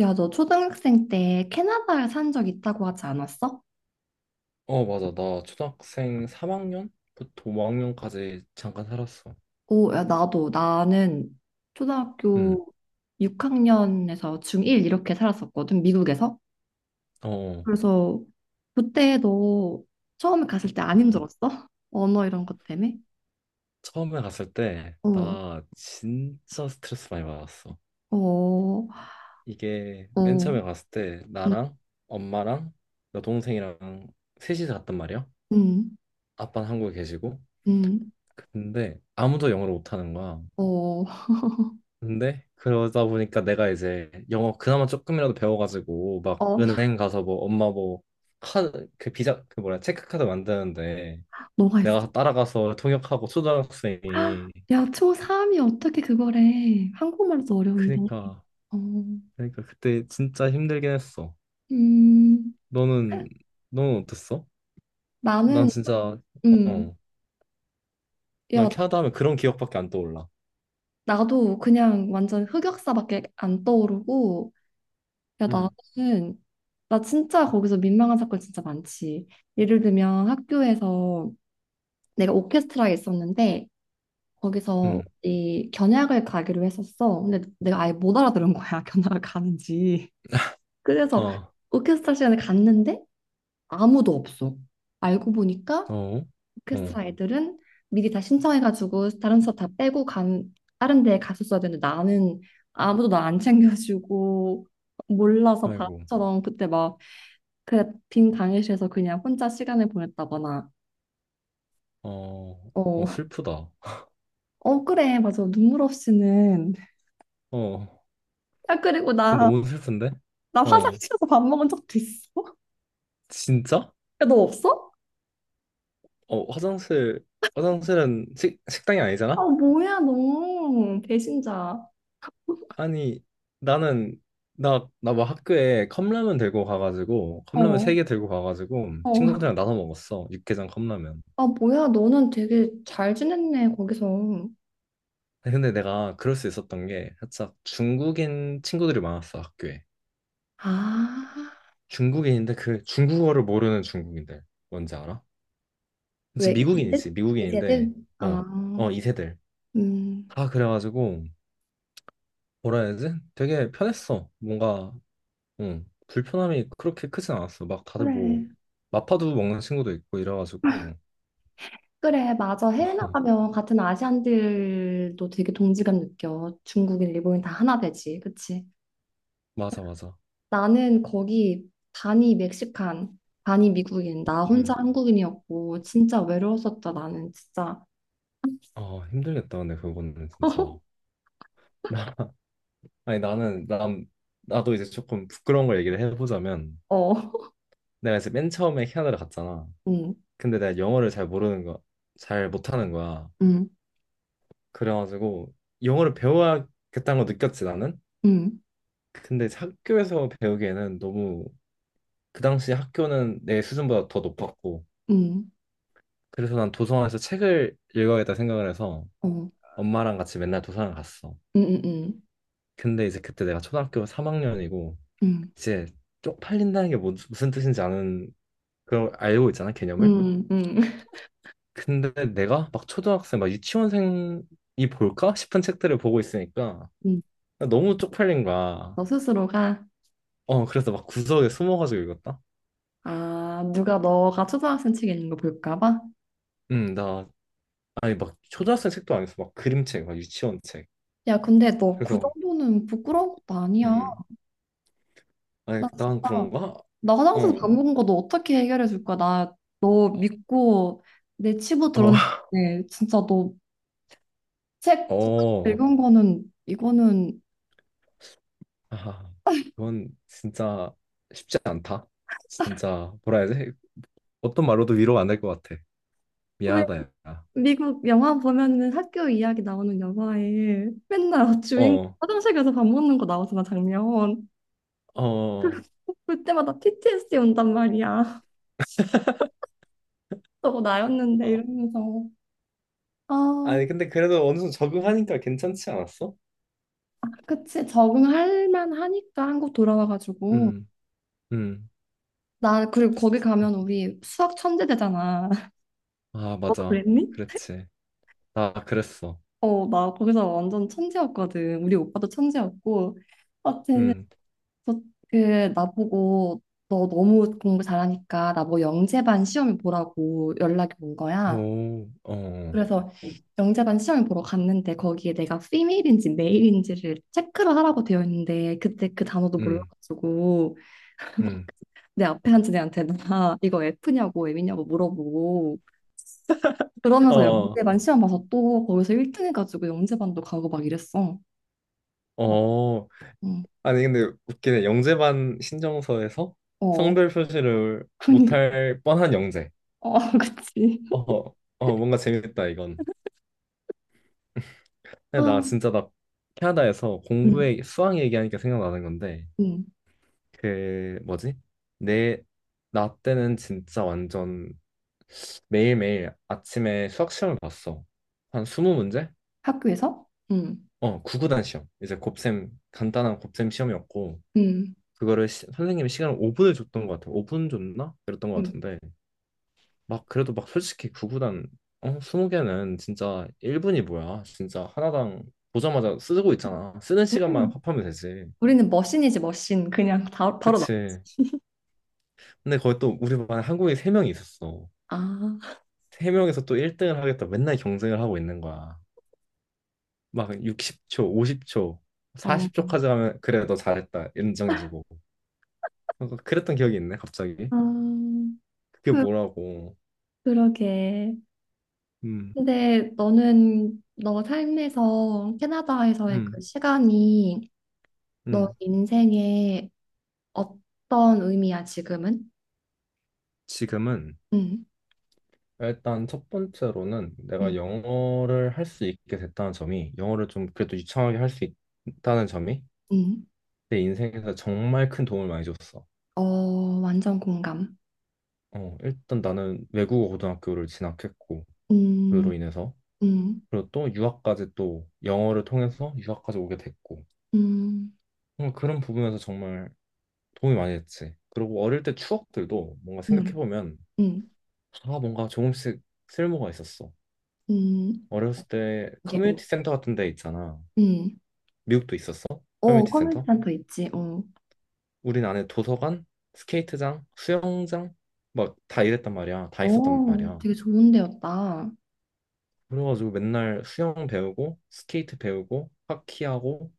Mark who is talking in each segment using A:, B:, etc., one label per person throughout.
A: 야, 너 초등학생 때 캐나다 산 적 있다고 하지 않았어?
B: 어, 맞아. 나 초등학생 3학년부터 5학년까지 잠깐 살았어.
A: 오, 야, 나도. 나는
B: 음,
A: 초등학교 6학년에서 중1 이렇게 살았었거든, 미국에서.
B: 어,
A: 그래서 그때 너 처음에 갔을 때 안
B: 음.
A: 힘들었어? 언어 이런 것 때문에?
B: 처음에 갔을 때,
A: 어,
B: 나 진짜 스트레스 많이 받았어.
A: 어,
B: 이게, 맨 처음에
A: 어,
B: 갔을 때,
A: 음,
B: 나랑, 엄마랑, 여동생이랑 셋이서 갔단 말이야.
A: 음,
B: 아빠는 한국에 계시고.
A: 음,
B: 근데, 아무도 영어를 못하는 거야.
A: 어,
B: 근데 그러다 보니까 내가 이제 영어 그나마 조금이라도 배워가지고 막
A: 어,
B: 은행 가서 뭐 엄마 뭐 카드 그 비자 그 뭐야 체크카드 만드는데
A: 너가 있어?
B: 내가 따라가서 통역하고 초등학생이.
A: 야, 초3이 어떻게 그걸 해? 한국말도 어려운데.
B: 그니까
A: 어,
B: 그니까 그때 진짜 힘들긴 했어.
A: 음.
B: 너는 너는 어땠어? 난
A: 나는
B: 진짜
A: 음,
B: 어
A: 야,
B: 난 캐나다 하면 그런 기억밖에 안 떠올라.
A: 나도 그냥 완전 흑역사밖에 안 떠오르고, 야,
B: 음.
A: 나는, 나 진짜 거기서 민망한 사건 진짜 많지. 예를 들면 학교에서 내가 오케스트라에 있었는데, 거기서
B: 응,
A: 이 견학을 가기로 했었어. 근데 내가 아예 못 알아들은 거야, 견학을 가는지. 그래서
B: 아,
A: 오케스트라 시간에 갔는데 아무도 없어. 알고 보니까
B: 어, 어,
A: 오케스트라 애들은 미리 다 신청해가지고 다른 수업 다 빼고 간 다른 데에 갔었어야 되는데 나는 아무도 나 안 챙겨주고 몰라서
B: 아이고,
A: 바보처럼 그때 막 그 빈 강의실에서 그냥 혼자 시간을 보냈다거나.
B: 어, 어,
A: 어,
B: 슬프다.
A: 어 그래 맞아. 눈물 없이는.
B: 어,
A: 야, 그리고
B: 그건
A: 나,
B: 너무 슬픈데?
A: 나
B: 어.
A: 화장실에서 밥 먹은 적도 있어.
B: 진짜?
A: 야 너 없어?
B: 어, 화장실, 화장실은 식당이
A: 아
B: 아니잖아?
A: 뭐야 너 배신자.
B: 아니, 나는, 나 막 학교에 컵라면 들고 가가지고, 컵라면 세
A: 어,
B: 개 들고 가가지고,
A: 어,
B: 친구들이랑 나눠 먹었어. 육개장 컵라면.
A: 아 뭐야 너는 되게 잘 지냈네 거기서.
B: 근데 내가 그럴 수 있었던 게, 살짝 중국인 친구들이 많았어, 학교에.
A: 아,
B: 중국인인데, 그 중국어를 모르는 중국인들. 뭔지 알아?
A: 왜
B: 그치,
A: 이세대
B: 미국인이지,
A: 이세대
B: 미국인인데,
A: 아,
B: 어, 어, 이세들.
A: 음,
B: 다 그래가지고, 뭐라 해야 되지? 되게 편했어. 뭔가 응. 불편함이 그렇게 크진 않았어. 막 다들 뭐
A: 그래.
B: 마파두 먹는 친구도 있고 이래가지고.
A: 그래, 맞아. 해외 나가면 같은 아시안들도 되게 동지감 느껴. 중국인, 일본인 다 하나 되지. 그치?
B: 맞아 맞아.
A: 나는 거기 반이 멕시칸, 반이 미국인, 나 혼자
B: 응.
A: 한국인이었고, 진짜 외로웠었다, 나는 진짜.
B: 아 힘들겠다 근데 그거는 진짜. 아니 나는 난 나도 이제 조금 부끄러운 걸 얘기를 해보자면
A: 어,
B: 내가 이제 맨 처음에 캐나다를 갔잖아.
A: 응,
B: 근데 내가 영어를 잘 모르는 거, 잘 못하는 거야.
A: 응,
B: 그래가지고 영어를 배워야겠다는 거 느꼈지 나는.
A: 응,
B: 근데 이제 학교에서 배우기에는 너무 그 당시 학교는 내 수준보다 더 높았고
A: 응,
B: 그래서 난 도서관에서 책을 읽어야겠다 생각을 해서
A: 어,
B: 엄마랑 같이 맨날 도서관 갔어.
A: 응, 응, 응,
B: 근데 이제 그때 내가 초등학교 3학년이고
A: 응,
B: 이제 쪽팔린다는 게 무슨 뜻인지 아는 그걸 알고 있잖아 개념을.
A: 응, 응. 응.
B: 근데 내가 막 초등학생 막 유치원생이 볼까 싶은 책들을 보고 있으니까
A: 응.
B: 너무 쪽팔린 거야.
A: 너 스스로가,
B: 어 그래서 막 구석에 숨어가지고 읽었다.
A: 아, 누가 너가 초등학생 책에 있는 거 볼까 봐?
B: 나 아니 막 초등학생 책도 아니었어. 막 그림책 막 유치원 책.
A: 야, 근데 너 그
B: 그래서
A: 정도는 부끄러운 것도 아니야.
B: 음 아니
A: 나
B: 난
A: 진짜,
B: 그런가?
A: 나 화장실에서
B: 어.
A: 밥 먹은 거 너 어떻게 해결해 줄 거야? 나 너 믿고 내 치부
B: 어.
A: 드러냈는데, 진짜 너 책
B: 어,
A: 읽은 거는, 이거는,
B: 아, 그건 진짜 쉽지 않다. 진짜 뭐라 해야 지 어떤 말로도 위로가 안 될 것 같아.
A: 왜
B: 미안하다, 야.
A: 미국 영화 보면은 학교 이야기 나오는 영화에 맨날 주인공
B: 어,
A: 화장실 가서 밥 먹는 거 나오잖아, 장면. 그-
B: 어,
A: 그때마다 PTSD 온단 말이야. 저거 나였는데
B: 어,
A: 이러면서. 아,
B: 아니, 근데 그래도 어느 정도 적응하니까 괜찮지 않았어?
A: 그치, 적응할 만하니까 한국 돌아와가지고.
B: 음, 음.
A: 나, 그리고 거기 가면 우리 수학 천재 되잖아.
B: 아,
A: 너도
B: 맞아.
A: 그랬니?
B: 그랬지. 나 그랬어.
A: 어, 나 거기서 완전 천재였거든. 우리 오빠도 천재였고. 하여튼,
B: 음,
A: 저- 그, 나보고 너 너무 공부 잘하니까 나 뭐 영재반 시험을 보라고 연락이 온 거야.
B: 오, 어,
A: 그래서 영재반 시험을 보러 갔는데 거기에 내가 피메일인지 메일인지를 체크를 하라고 되어 있는데 그때 그 단어도
B: 음,
A: 몰라가지고
B: 음.
A: 내 앞에 앉은 애한테 나 이거 F냐고 M이냐고 물어보고, 그러면서
B: 어,
A: 영재반 시험 봐서 또 거기서 1등 해가지고 영재반도 가고 막 이랬어. 나-
B: 어,
A: 응.
B: 아니, 근데 웃기네. 영재반 신청서에서
A: 어,
B: 성별 표시를 못
A: 그니,
B: 할 뻔한 영재.
A: 어, 그치.
B: 어, 어, 뭔가 재밌다, 이건.
A: 아,
B: 근데 나 캐나다에서
A: 응,
B: 공부에, 수학 얘기하니까 생각나는 건데,
A: 응.
B: 그, 뭐지? 내, 나 때는 진짜 완전 매일매일 아침에 수학 시험을 봤어. 한 20문제?
A: 학교에서? 응,
B: 어, 구구단 시험. 이제 곱셈, 간단한 곱셈 시험이었고,
A: 응,
B: 그거를 선생님이 시간을 5분을 줬던 것 같아. 5분 줬나? 그랬던 것
A: 응.
B: 같은데, 막 그래도 막 솔직히 구구단 20개는 진짜 1분이 뭐야. 진짜 하나당 보자마자 쓰고 있잖아. 쓰는 시간만
A: 우리는,
B: 합하면 되지.
A: 우리는 머신이지, 머신. 그냥 다, 바로 나.
B: 그치. 근데 거기 또 우리 반에 한국인 3명이 있었어.
A: 아,
B: 3명에서 또 1등을 하겠다 맨날 경쟁을 하고 있는 거야. 막 60초, 50초,
A: 어,
B: 40초까지 하면 그래 너 잘했다 인정해주고. 뭔가 그랬던 기억이 있네 갑자기.
A: 아,
B: 그게
A: 그,
B: 뭐라고.
A: 그러게.
B: 음.
A: 근데 너는 너 삶에서 캐나다에서의 그
B: 음,
A: 시간이 너
B: 음.
A: 인생에 어떤 의미야, 지금은?
B: 지금은
A: 음,
B: 일단 첫 번째로는
A: 음,
B: 내가 영어를 할 수 있게 됐다는 점이, 영어를 좀 그래도 유창하게 할 수 있다는 점이
A: 음.
B: 내 인생에서 정말 큰 도움을 많이 줬어.
A: 어, 완전 공감.
B: 어, 일단 나는 외국어 고등학교를 진학했고
A: 음,
B: 그로 인해서,
A: 음,
B: 그리고 또 유학까지, 또 영어를 통해서 유학까지 오게 됐고,
A: 음,
B: 어, 그런 부분에서 정말 도움이 많이 됐지. 그리고 어릴 때 추억들도 뭔가
A: 음,
B: 생각해보면
A: 음,
B: 다 뭔가 조금씩 쓸모가 있었어.
A: 음.
B: 어렸을 때
A: 이게, 어,
B: 커뮤니티 센터 같은 데 있잖아.
A: 음.
B: 미국도 있었어?
A: 어,
B: 커뮤니티
A: 커뮤니티
B: 센터?
A: 센터 있지. 어.
B: 우린 안에 도서관, 스케이트장, 수영장 막 다 이랬단 말이야. 다 있었단
A: 오,
B: 말이야.
A: 되게 좋은 데였다.
B: 그래가지고 맨날 수영 배우고 스케이트 배우고 하키하고,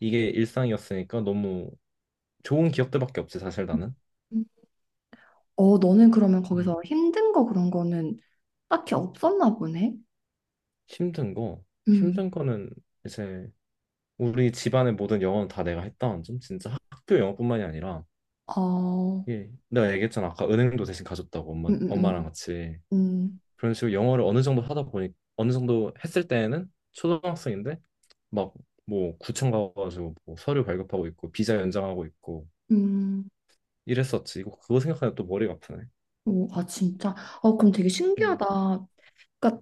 B: 이게 일상이었으니까 너무 좋은 기억들밖에 없지 사실 나는.
A: 음. 어, 너는 그러면
B: 음.
A: 거기서 힘든 거 그런 거는 딱히 없었나 보네.
B: 힘든 거
A: 음,
B: 힘든 거는 이제 우리 집안의 모든 영어는 다 내가 했다는 점. 진짜 학교 영어뿐만이 아니라
A: 어,
B: 예, 내가 얘기했잖아 아까 은행도 대신 가줬다고.
A: 음,
B: 엄마
A: 음,
B: 엄마랑
A: 음,
B: 같이
A: 음,
B: 그런 식으로 영어를 어느 정도 하다 보니, 어느 정도 했을 때에는 초등학생인데 막 뭐 구청 가가지고 뭐 서류 발급하고 있고 비자 연장하고 있고
A: 음.
B: 이랬었지. 이거 그거 생각하면 또 머리가 아프네.
A: 오, 아, 진짜. 어, 그럼 되게
B: 음.
A: 신기하다. 그러니까,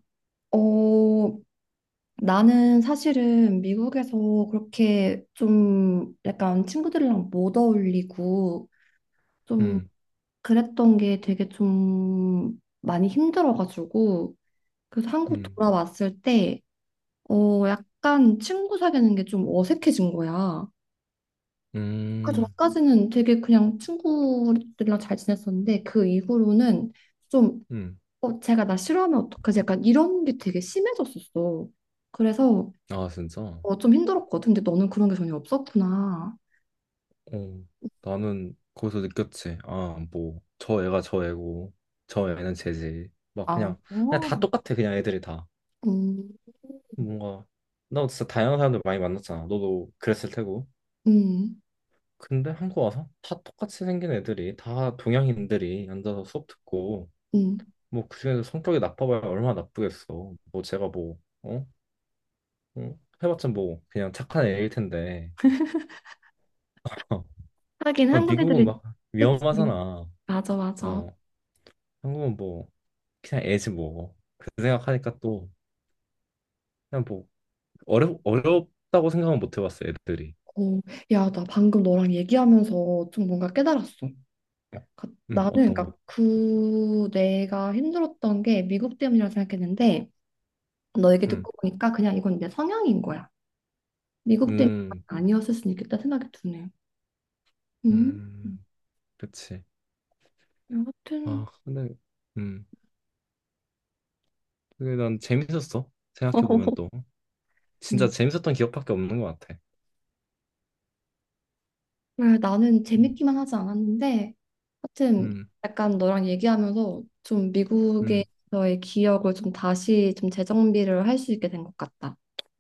A: 어, 나는 사실은 미국에서 그렇게 좀 약간 친구들이랑 못 어울리고 좀
B: 음,
A: 그랬던 게 되게 좀 많이 힘들어가지고, 그래서 한국
B: 음,
A: 돌아왔을 때 어 약간 친구 사귀는 게 좀 어색해진 거야. 그
B: 음,
A: 전까지는 되게 그냥 친구들이랑 잘 지냈었는데 그 이후로는 좀
B: 음.
A: 어, 제가 나 싫어하면 어떡하지? 약간 이런 게 되게 심해졌었어. 그래서
B: 아, 진짜?
A: 어, 좀 힘들었거든. 근데 너는 그런 게 전혀 없었구나.
B: 어, 나는 거기서 느꼈지. 아, 뭐, 저 애가 저 애고, 저 애는 쟤지. 막
A: 아,
B: 그냥, 그냥
A: 어,
B: 다 똑같아, 그냥 애들이 다.
A: 음,
B: 뭔가, 나 진짜 다양한 사람들 많이 만났잖아. 너도 그랬을 테고.
A: 음,
B: 근데 한국 와서 다 똑같이 생긴 애들이, 다 동양인들이 앉아서 수업 듣고,
A: 음.
B: 뭐 그중에서 성격이 나빠봐야 얼마나 나쁘겠어. 뭐 제가 뭐 어? 어? 해봤자 뭐 그냥 착한 애일 텐데.
A: 하긴
B: 어,
A: 한국
B: 미국은
A: 애들이,
B: 막
A: 그치?
B: 위험하잖아.
A: 맞아, 맞아.
B: 어. 한국은 뭐 그냥 애지 뭐. 그 생각하니까 또 그냥 뭐 어렵다고 생각은 못 해봤어 애들이.
A: 어, 야, 나 방금 너랑 얘기하면서 좀 뭔가 깨달았어. 나는
B: 어떤
A: 그러니까
B: 거?
A: 그 내가 힘들었던 게 미국 때문이라고 생각했는데 너 얘기
B: 음.
A: 듣고 보니까 그냥 이건 내 성향인 거야. 미국 때문이
B: 음,
A: 아니었을 수 있겠다 생각이 드네. 음,
B: 음, 그치.
A: 여하튼.
B: 아 근데 음. 그게 난 재밌었어. 생각해보면 또. 진짜 재밌었던 기억밖에 없는 것 같아.
A: 그래, 나는
B: 음,
A: 재밌기만 하지 않았는데 하여튼
B: 음,
A: 약간 너랑 얘기하면서 좀
B: 음,
A: 미국에서의 기억을 좀 다시 좀 재정비를 할 수 있게 된 것 같다.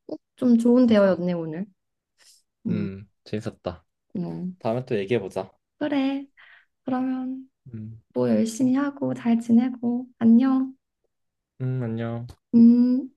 A: 어? 좀 좋은
B: 맞아.
A: 대화였네 오늘. 음,
B: 재밌었다.
A: 음.
B: 다음에 또 얘기해보자.
A: 그래. 그러면
B: 음,
A: 뭐 열심히 하고 잘 지내고 안녕.
B: 안녕.
A: 음.